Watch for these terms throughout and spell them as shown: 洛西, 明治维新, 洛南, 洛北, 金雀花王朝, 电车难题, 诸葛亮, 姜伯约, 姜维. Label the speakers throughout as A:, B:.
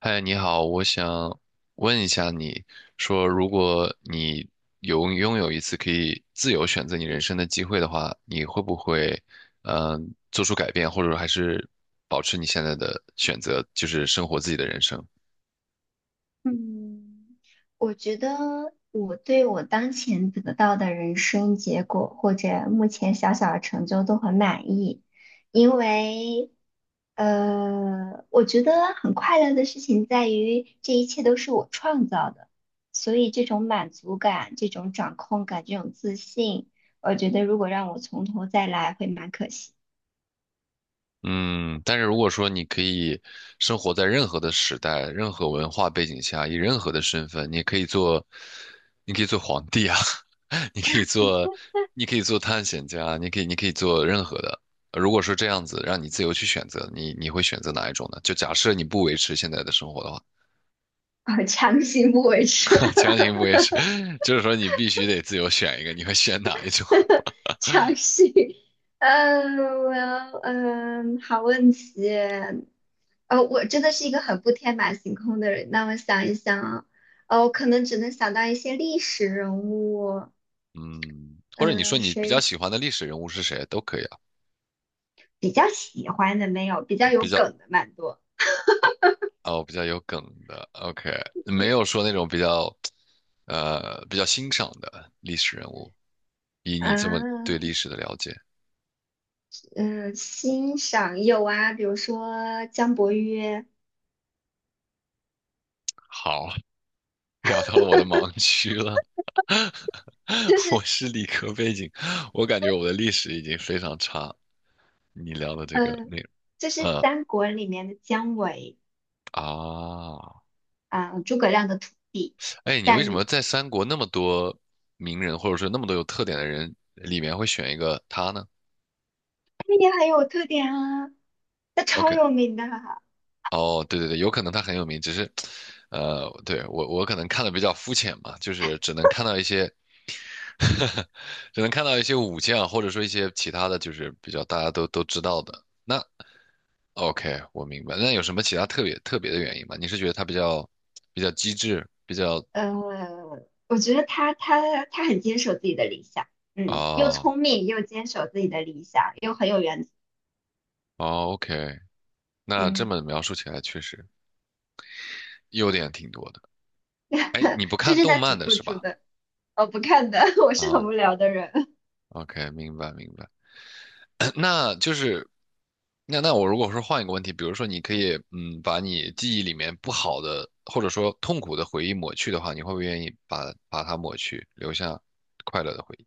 A: 嗨，你好，我想问一下你，说如果你有拥有一次可以自由选择你人生的机会的话，你会不会，做出改变，或者说还是保持你现在的选择，就是生活自己的人生？
B: 嗯，我觉得我对我当前得到的人生结果或者目前小小的成就都很满意，因为，我觉得很快乐的事情在于这一切都是我创造的，所以这种满足感、这种掌控感、这种自信，我觉得如果让我从头再来会蛮可惜，
A: 嗯，但是如果说你可以生活在任何的时代、任何文化背景下，以任何的身份，你可以做，你可以做，皇帝啊，你可以做，你可以做，探险家，你可以做任何的。如果说这样子让你自由去选择，你会选择哪一种呢？就假设你不维持现在的生活的话，
B: 我强行不为之。
A: 强行不维持，就是说你必须得自由选一个，你会选哪一种？
B: 尝试，嗯，我要嗯，好问题。我真的是一个很不天马行空的人。那我想一想啊，我可能只能想到一些历史人物，
A: 嗯，或者你说
B: 嗯、
A: 你比较
B: 谁
A: 喜欢的历史人物是谁都可以啊，
B: 比较喜欢的没有？比较有
A: 比较
B: 梗的蛮多
A: 哦，比较有梗的，OK，没有说那种比较欣赏的历史人物。以你这么对历
B: 啊，
A: 史的了解，
B: 嗯、欣赏有啊，比如说姜伯约，
A: 好，聊到了我的盲区了。
B: 就
A: 我
B: 是
A: 是理科背景，我感觉我的历史已经非常差。你聊的这个
B: 嗯、呃
A: 内容，
B: 就是
A: 呃，
B: 三国里面的姜维
A: 啊，
B: 啊、诸葛亮的徒弟。
A: 哎，你为什
B: 但
A: 么在三国那么多名人，或者说那么多有特点的人里面会选一个他呢
B: 那也很有特点啊，他超
A: ？OK？o k
B: 有名的啊
A: 哦，对对对，有可能他很有名，只是，对，我可能看的比较肤浅嘛，就是只能看到一些，只能看到一些武将，或者说一些其他的就是比较大家都知道的。那 OK，我明白。那有什么其他特别特别的原因吗？你是觉得他比较机智，比较
B: 呃，我觉得他很坚守自己的理想，嗯，又
A: 啊
B: 聪明又坚守自己的理想，又很有原则，
A: 哦，OK，那这
B: 嗯，
A: 么描述起来确实优点挺多的。哎，你不
B: 这
A: 看
B: 是
A: 动
B: 他只
A: 漫的
B: 突
A: 是
B: 出
A: 吧？
B: 的，我不看的，我是很
A: 啊
B: 无聊的人，
A: ，OK，明白明白。那就是，那我如果说换一个问题，比如说你可以把你记忆里面不好的或者说痛苦的回忆抹去的话，你会不会愿意把它抹去，留下快乐的回忆？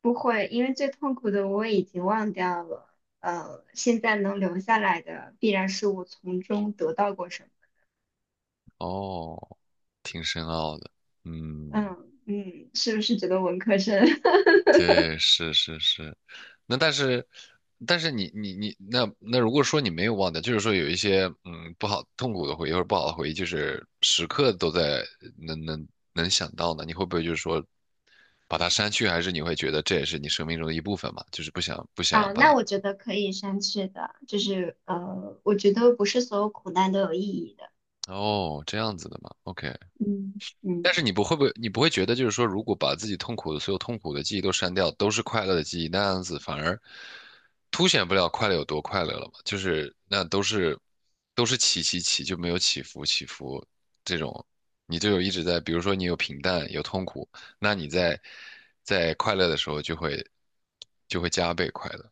B: 不会，因为最痛苦的我已经忘掉了，现在能留下来的必然是我从中得到过什么，
A: 哦，挺深奥的，嗯。
B: 嗯嗯，是不是觉得文科生？
A: 对，是是是，那但是你那如果说你没有忘掉，就是说有一些不好痛苦的回忆或者不好的回忆，就是时刻都在能想到呢，你会不会就是说把它删去，还是你会觉得这也是你生命中的一部分嘛，就是不想
B: 啊，
A: 把
B: 那
A: 它
B: 我觉得可以删去的，就是我觉得不是所有苦难都有意义的，
A: 哦这样子的嘛，OK，
B: 嗯
A: 但
B: 嗯
A: 是你不会，你不会觉得就是说，如果把自己痛苦的所有痛苦的记忆都删掉，都是快乐的记忆，那样子反而凸显不了快乐有多快乐了嘛？就是那都是起起起，就没有起伏这种，你就有一直在，比如说你有平淡有痛苦，那你在快乐的时候就会加倍快乐，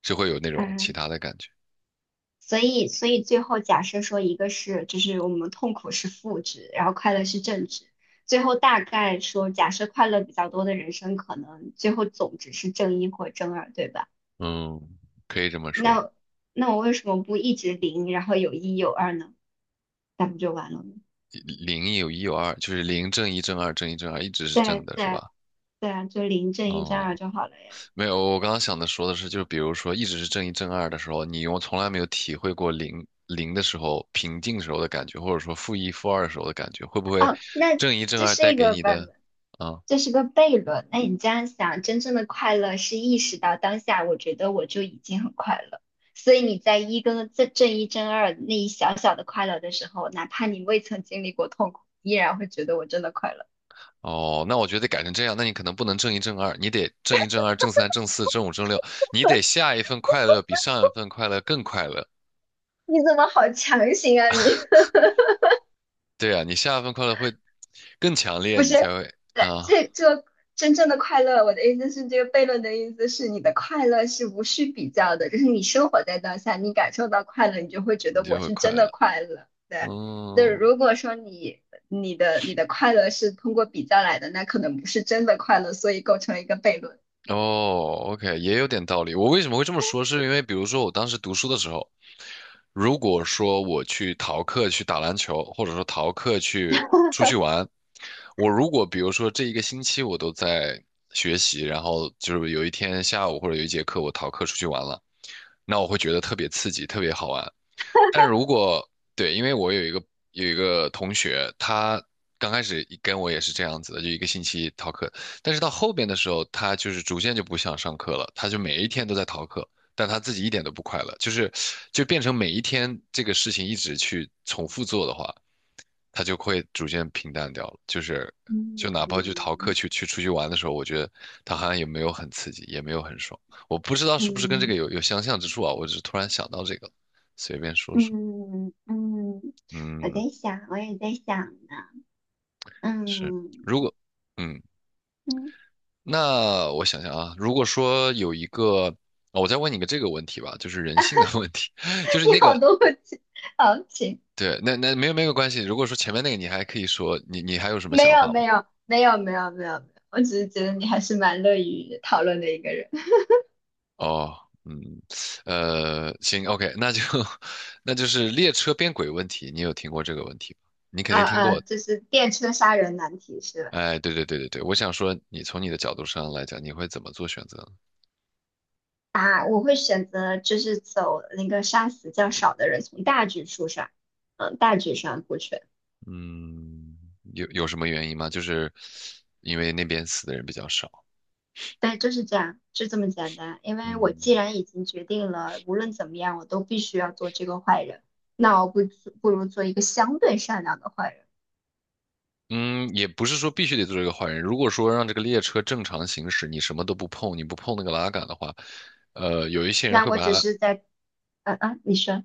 A: 就会有那种
B: 啊，
A: 其他的感觉。
B: 所以最后假设说一个是就是我们痛苦是负值，然后快乐是正值，最后大概说假设快乐比较多的人生可能最后总值是正一或正二，对吧？
A: 嗯，可以这么说，
B: 那我为什么不一直零，然后有一有二呢？那不就完了吗？
A: 零有一有二，就是零正一正二正一正二一直是正
B: 对
A: 的，是
B: 对
A: 吧？
B: 对啊，就零正一正二
A: 哦、
B: 就好了呀。
A: 没有，我刚刚想的说的是，就是比如说一直是正一正二的时候，你我从来没有体会过零零的时候平静时候的感觉，或者说负一负二时候的感觉，会不会
B: 哦，那
A: 正一正
B: 这
A: 二
B: 是
A: 带
B: 一
A: 给
B: 个
A: 你
B: 悖本，
A: 的啊？
B: 这是个悖论。那你这样想，真正的快乐是意识到当下，我觉得我就已经很快乐。所以你在一跟正一正二那一小小的快乐的时候，哪怕你未曾经历过痛苦，依然会觉得我真的快乐。
A: 哦，那我觉得得改成这样，那你可能不能正一正二，你得正一正二正三正四正五正六，你得下一份快乐比上一份快乐更快乐。
B: 你怎么好强行啊你？
A: 对啊，你下一份快乐会更强 烈，
B: 不
A: 你才
B: 是。
A: 会
B: 对，
A: 啊，
B: 这真正的快乐，我的意思是，这个悖论的意思是，你的快乐是无需比较的，就是你生活在当下，你感受到快乐，你就会觉
A: 你
B: 得我
A: 就会
B: 是
A: 快
B: 真的
A: 乐。
B: 快乐。对，那
A: 嗯，
B: 如果说你你的快乐是通过比较来的，那可能不是真的快乐，所以构成一个悖论。
A: 哦，OK，也有点道理。我为什么会这么说？是因为比如说我当时读书的时候，如果说我去逃课去打篮球，或者说逃课去出去玩，我如果比如说这一个星期我都在学习，然后就是有一天下午或者有一节课我逃课出去玩了，那我会觉得特别刺激，特别好玩。但如果对，因为我有一个同学，他刚开始跟我也是这样子的，就一个星期逃课，但是到后边的时候，他就是逐渐就不想上课了，他就每一天都在逃课，但他自己一点都不快乐，就是就变成每一天这个事情一直去重复做的话，他就会逐渐平淡掉了，就是就哪怕就逃课
B: 嗯
A: 去出去玩的时候，我觉得他好像也没有很刺激，也没有很爽，我不知道是不是跟这个
B: 嗯
A: 有相像之处啊，我只是突然想到这个了随便说说。
B: 嗯嗯，我
A: 嗯，
B: 在想，我也在想呢。
A: 是。
B: 嗯
A: 如果，嗯，
B: 嗯，
A: 那我想想啊，如果说有一个，哦，我再问你个这个问题吧，就是人性的问题，就 是
B: 你
A: 那
B: 好
A: 个，
B: 多问题，好，请。
A: 对，那没有关系。如果说前面那个你还可以说，你还有什 么
B: 没
A: 想
B: 有
A: 法吗？
B: 没有没有没有没有没有，我只是觉得你还是蛮乐于讨论的一个人。
A: 哦，嗯，行，OK，那就是列车变轨问题，你有听过这个问题吗？你肯
B: 啊
A: 定听
B: 啊，
A: 过。
B: 就是电车杀人难题是吧？
A: 哎，对对对对对，我想说，你从你的角度上来讲，你会怎么做选择呢？
B: 啊，我会选择就是走那个杀死较少的人，从大局出发，嗯，大局上顾全。
A: 嗯，有什么原因吗？就是因为那边死的人比较少。
B: 对，就是这样，就这么简单。因为我既
A: 嗯
B: 然已经决定了，无论怎么样，我都必须要做这个坏人，那我不如做一个相对善良的坏人。
A: 嗯，也不是说必须得做这个坏人。如果说让这个列车正常行驶，你什么都不碰，你不碰那个拉杆的话，有一些人
B: 那
A: 会
B: 我
A: 把
B: 只
A: 它。
B: 是在，嗯嗯，你说。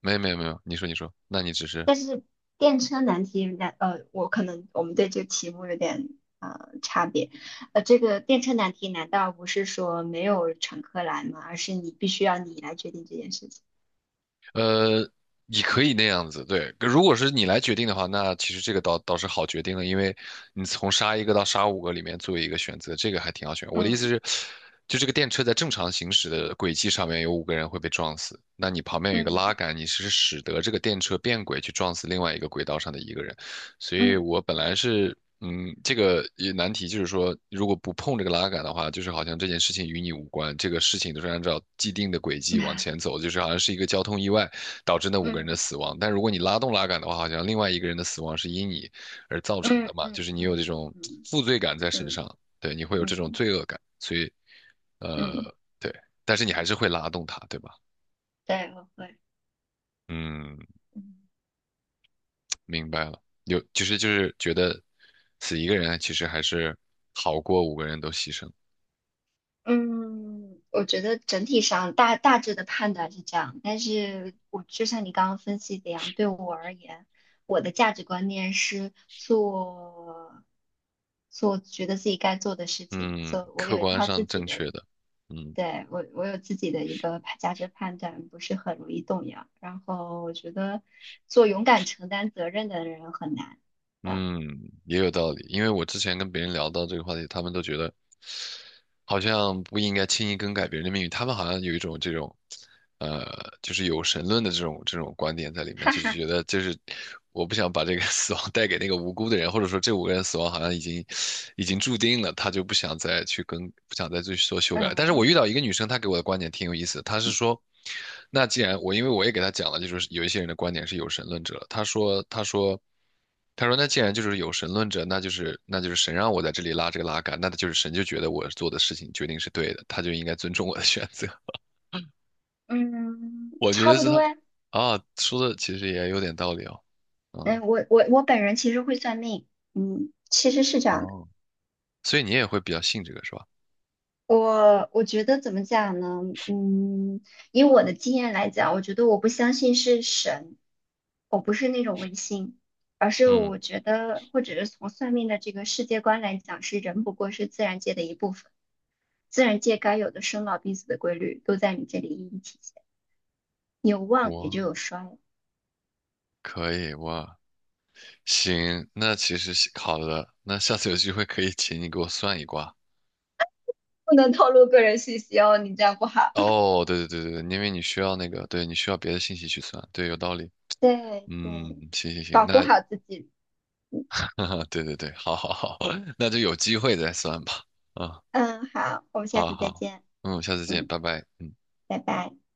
A: 没有没有没有，你说你说，那你只是
B: 但是电车难题，人家我可能我们对这个题目有点差别。这个电车难题难道不是说没有乘客来吗？而是你必须要你来决定这件事情。
A: 呃，你可以那样子，对。如果是你来决定的话，那其实这个倒是好决定的，因为你从杀一个到杀五个里面做一个选择，这个还挺好选。我的意思
B: 嗯
A: 是，就这个电车在正常行驶的轨迹上面有五个人会被撞死，那你旁边有一个拉
B: 嗯
A: 杆，你是使得这个电车变轨去撞死另外一个轨道上的一个人。所以
B: 嗯
A: 我本来是，这个也难题就是说，如果不碰这个拉杆的话，就是好像这件事情与你无关，这个事情都是按照既定的轨迹往前走，就是好像是一个交通意外导致那五个人的
B: 嗯
A: 死亡。但如果你拉动拉杆的话，好像另外一个人的死亡是因你而造成的
B: 嗯
A: 嘛，就
B: 嗯
A: 是你有这
B: 嗯
A: 种
B: 嗯
A: 负罪感在身
B: 嗯
A: 上，对，你会有这种
B: 嗯
A: 罪恶感，所以，
B: 嗯，
A: 呃，对，但是你还是会拉动它，对吧？
B: 对，我会。
A: 嗯，
B: 嗯
A: 明白了，有就是就是觉得死一个人其实还是好过五个人都牺牲。
B: 嗯，我觉得整体上大致的判断是这样，但是我就像你刚刚分析的一样，对我而言，我的价值观念是做觉得自己该做的事情，
A: 嗯，
B: 做我
A: 客
B: 有一
A: 观
B: 套自
A: 上
B: 己
A: 正
B: 的，
A: 确的，嗯
B: 对，我有自己的一个价值判断，不是很容易动摇。然后我觉得做勇敢承担责任的人很难。呃
A: 嗯，也有道理。因为我之前跟别人聊到这个话题，他们都觉得好像不应该轻易更改别人的命运，他们好像有一种这种。呃，就是有神论的这种观点在里面，就是觉得我不想把这个 死亡带给那个无辜的人，或者说这五个人死亡好像已经注定了，他就不想再去跟不想再去做修改了，但是我
B: 嗯
A: 遇到一个女生，她给我的观点挺有意思的，她是说，那既然我因为我也给她讲了，就是有一些人的观点是有神论者，她说。他说："那既然就是有神论者，那就是那就是神让我在这里拉这个拉杆，那他就是神就觉得我做的事情决定是对的，他就应该尊重我的选择。"
B: 嗯，
A: 我觉
B: 差
A: 得
B: 不
A: 是
B: 多
A: 他
B: 呀。
A: 啊，说的其实也有点道理哦。嗯，
B: 嗯，我本人其实会算命，嗯，其实是这样的。
A: 哦，所以你也会比较信这个是吧？
B: 我觉得怎么讲呢？嗯，以我的经验来讲，我觉得我不相信是神，我不是那种唯心，而是
A: 嗯，
B: 我觉得，或者是从算命的这个世界观来讲，是人不过是自然界的一部分，自然界该有的生老病死的规律都在你这里一一体现，有旺也就
A: 我
B: 有衰，
A: 可以，我行，那其实是好的，那下次有机会可以请你给我算一卦。
B: 不能透露个人信息哦，你这样不好。
A: 哦，对对对对因为你需要那个，对你需要别的信息去算，对，有道理。
B: 对对，
A: 嗯，行行行，
B: 保护
A: 那
B: 好自己。
A: 对对对，好好好，那就有机会再算吧。啊，
B: 嗯，好，我们下
A: 好
B: 次再
A: 好，
B: 见。
A: 嗯，下次见，
B: 嗯，
A: 拜拜。嗯。
B: 拜拜。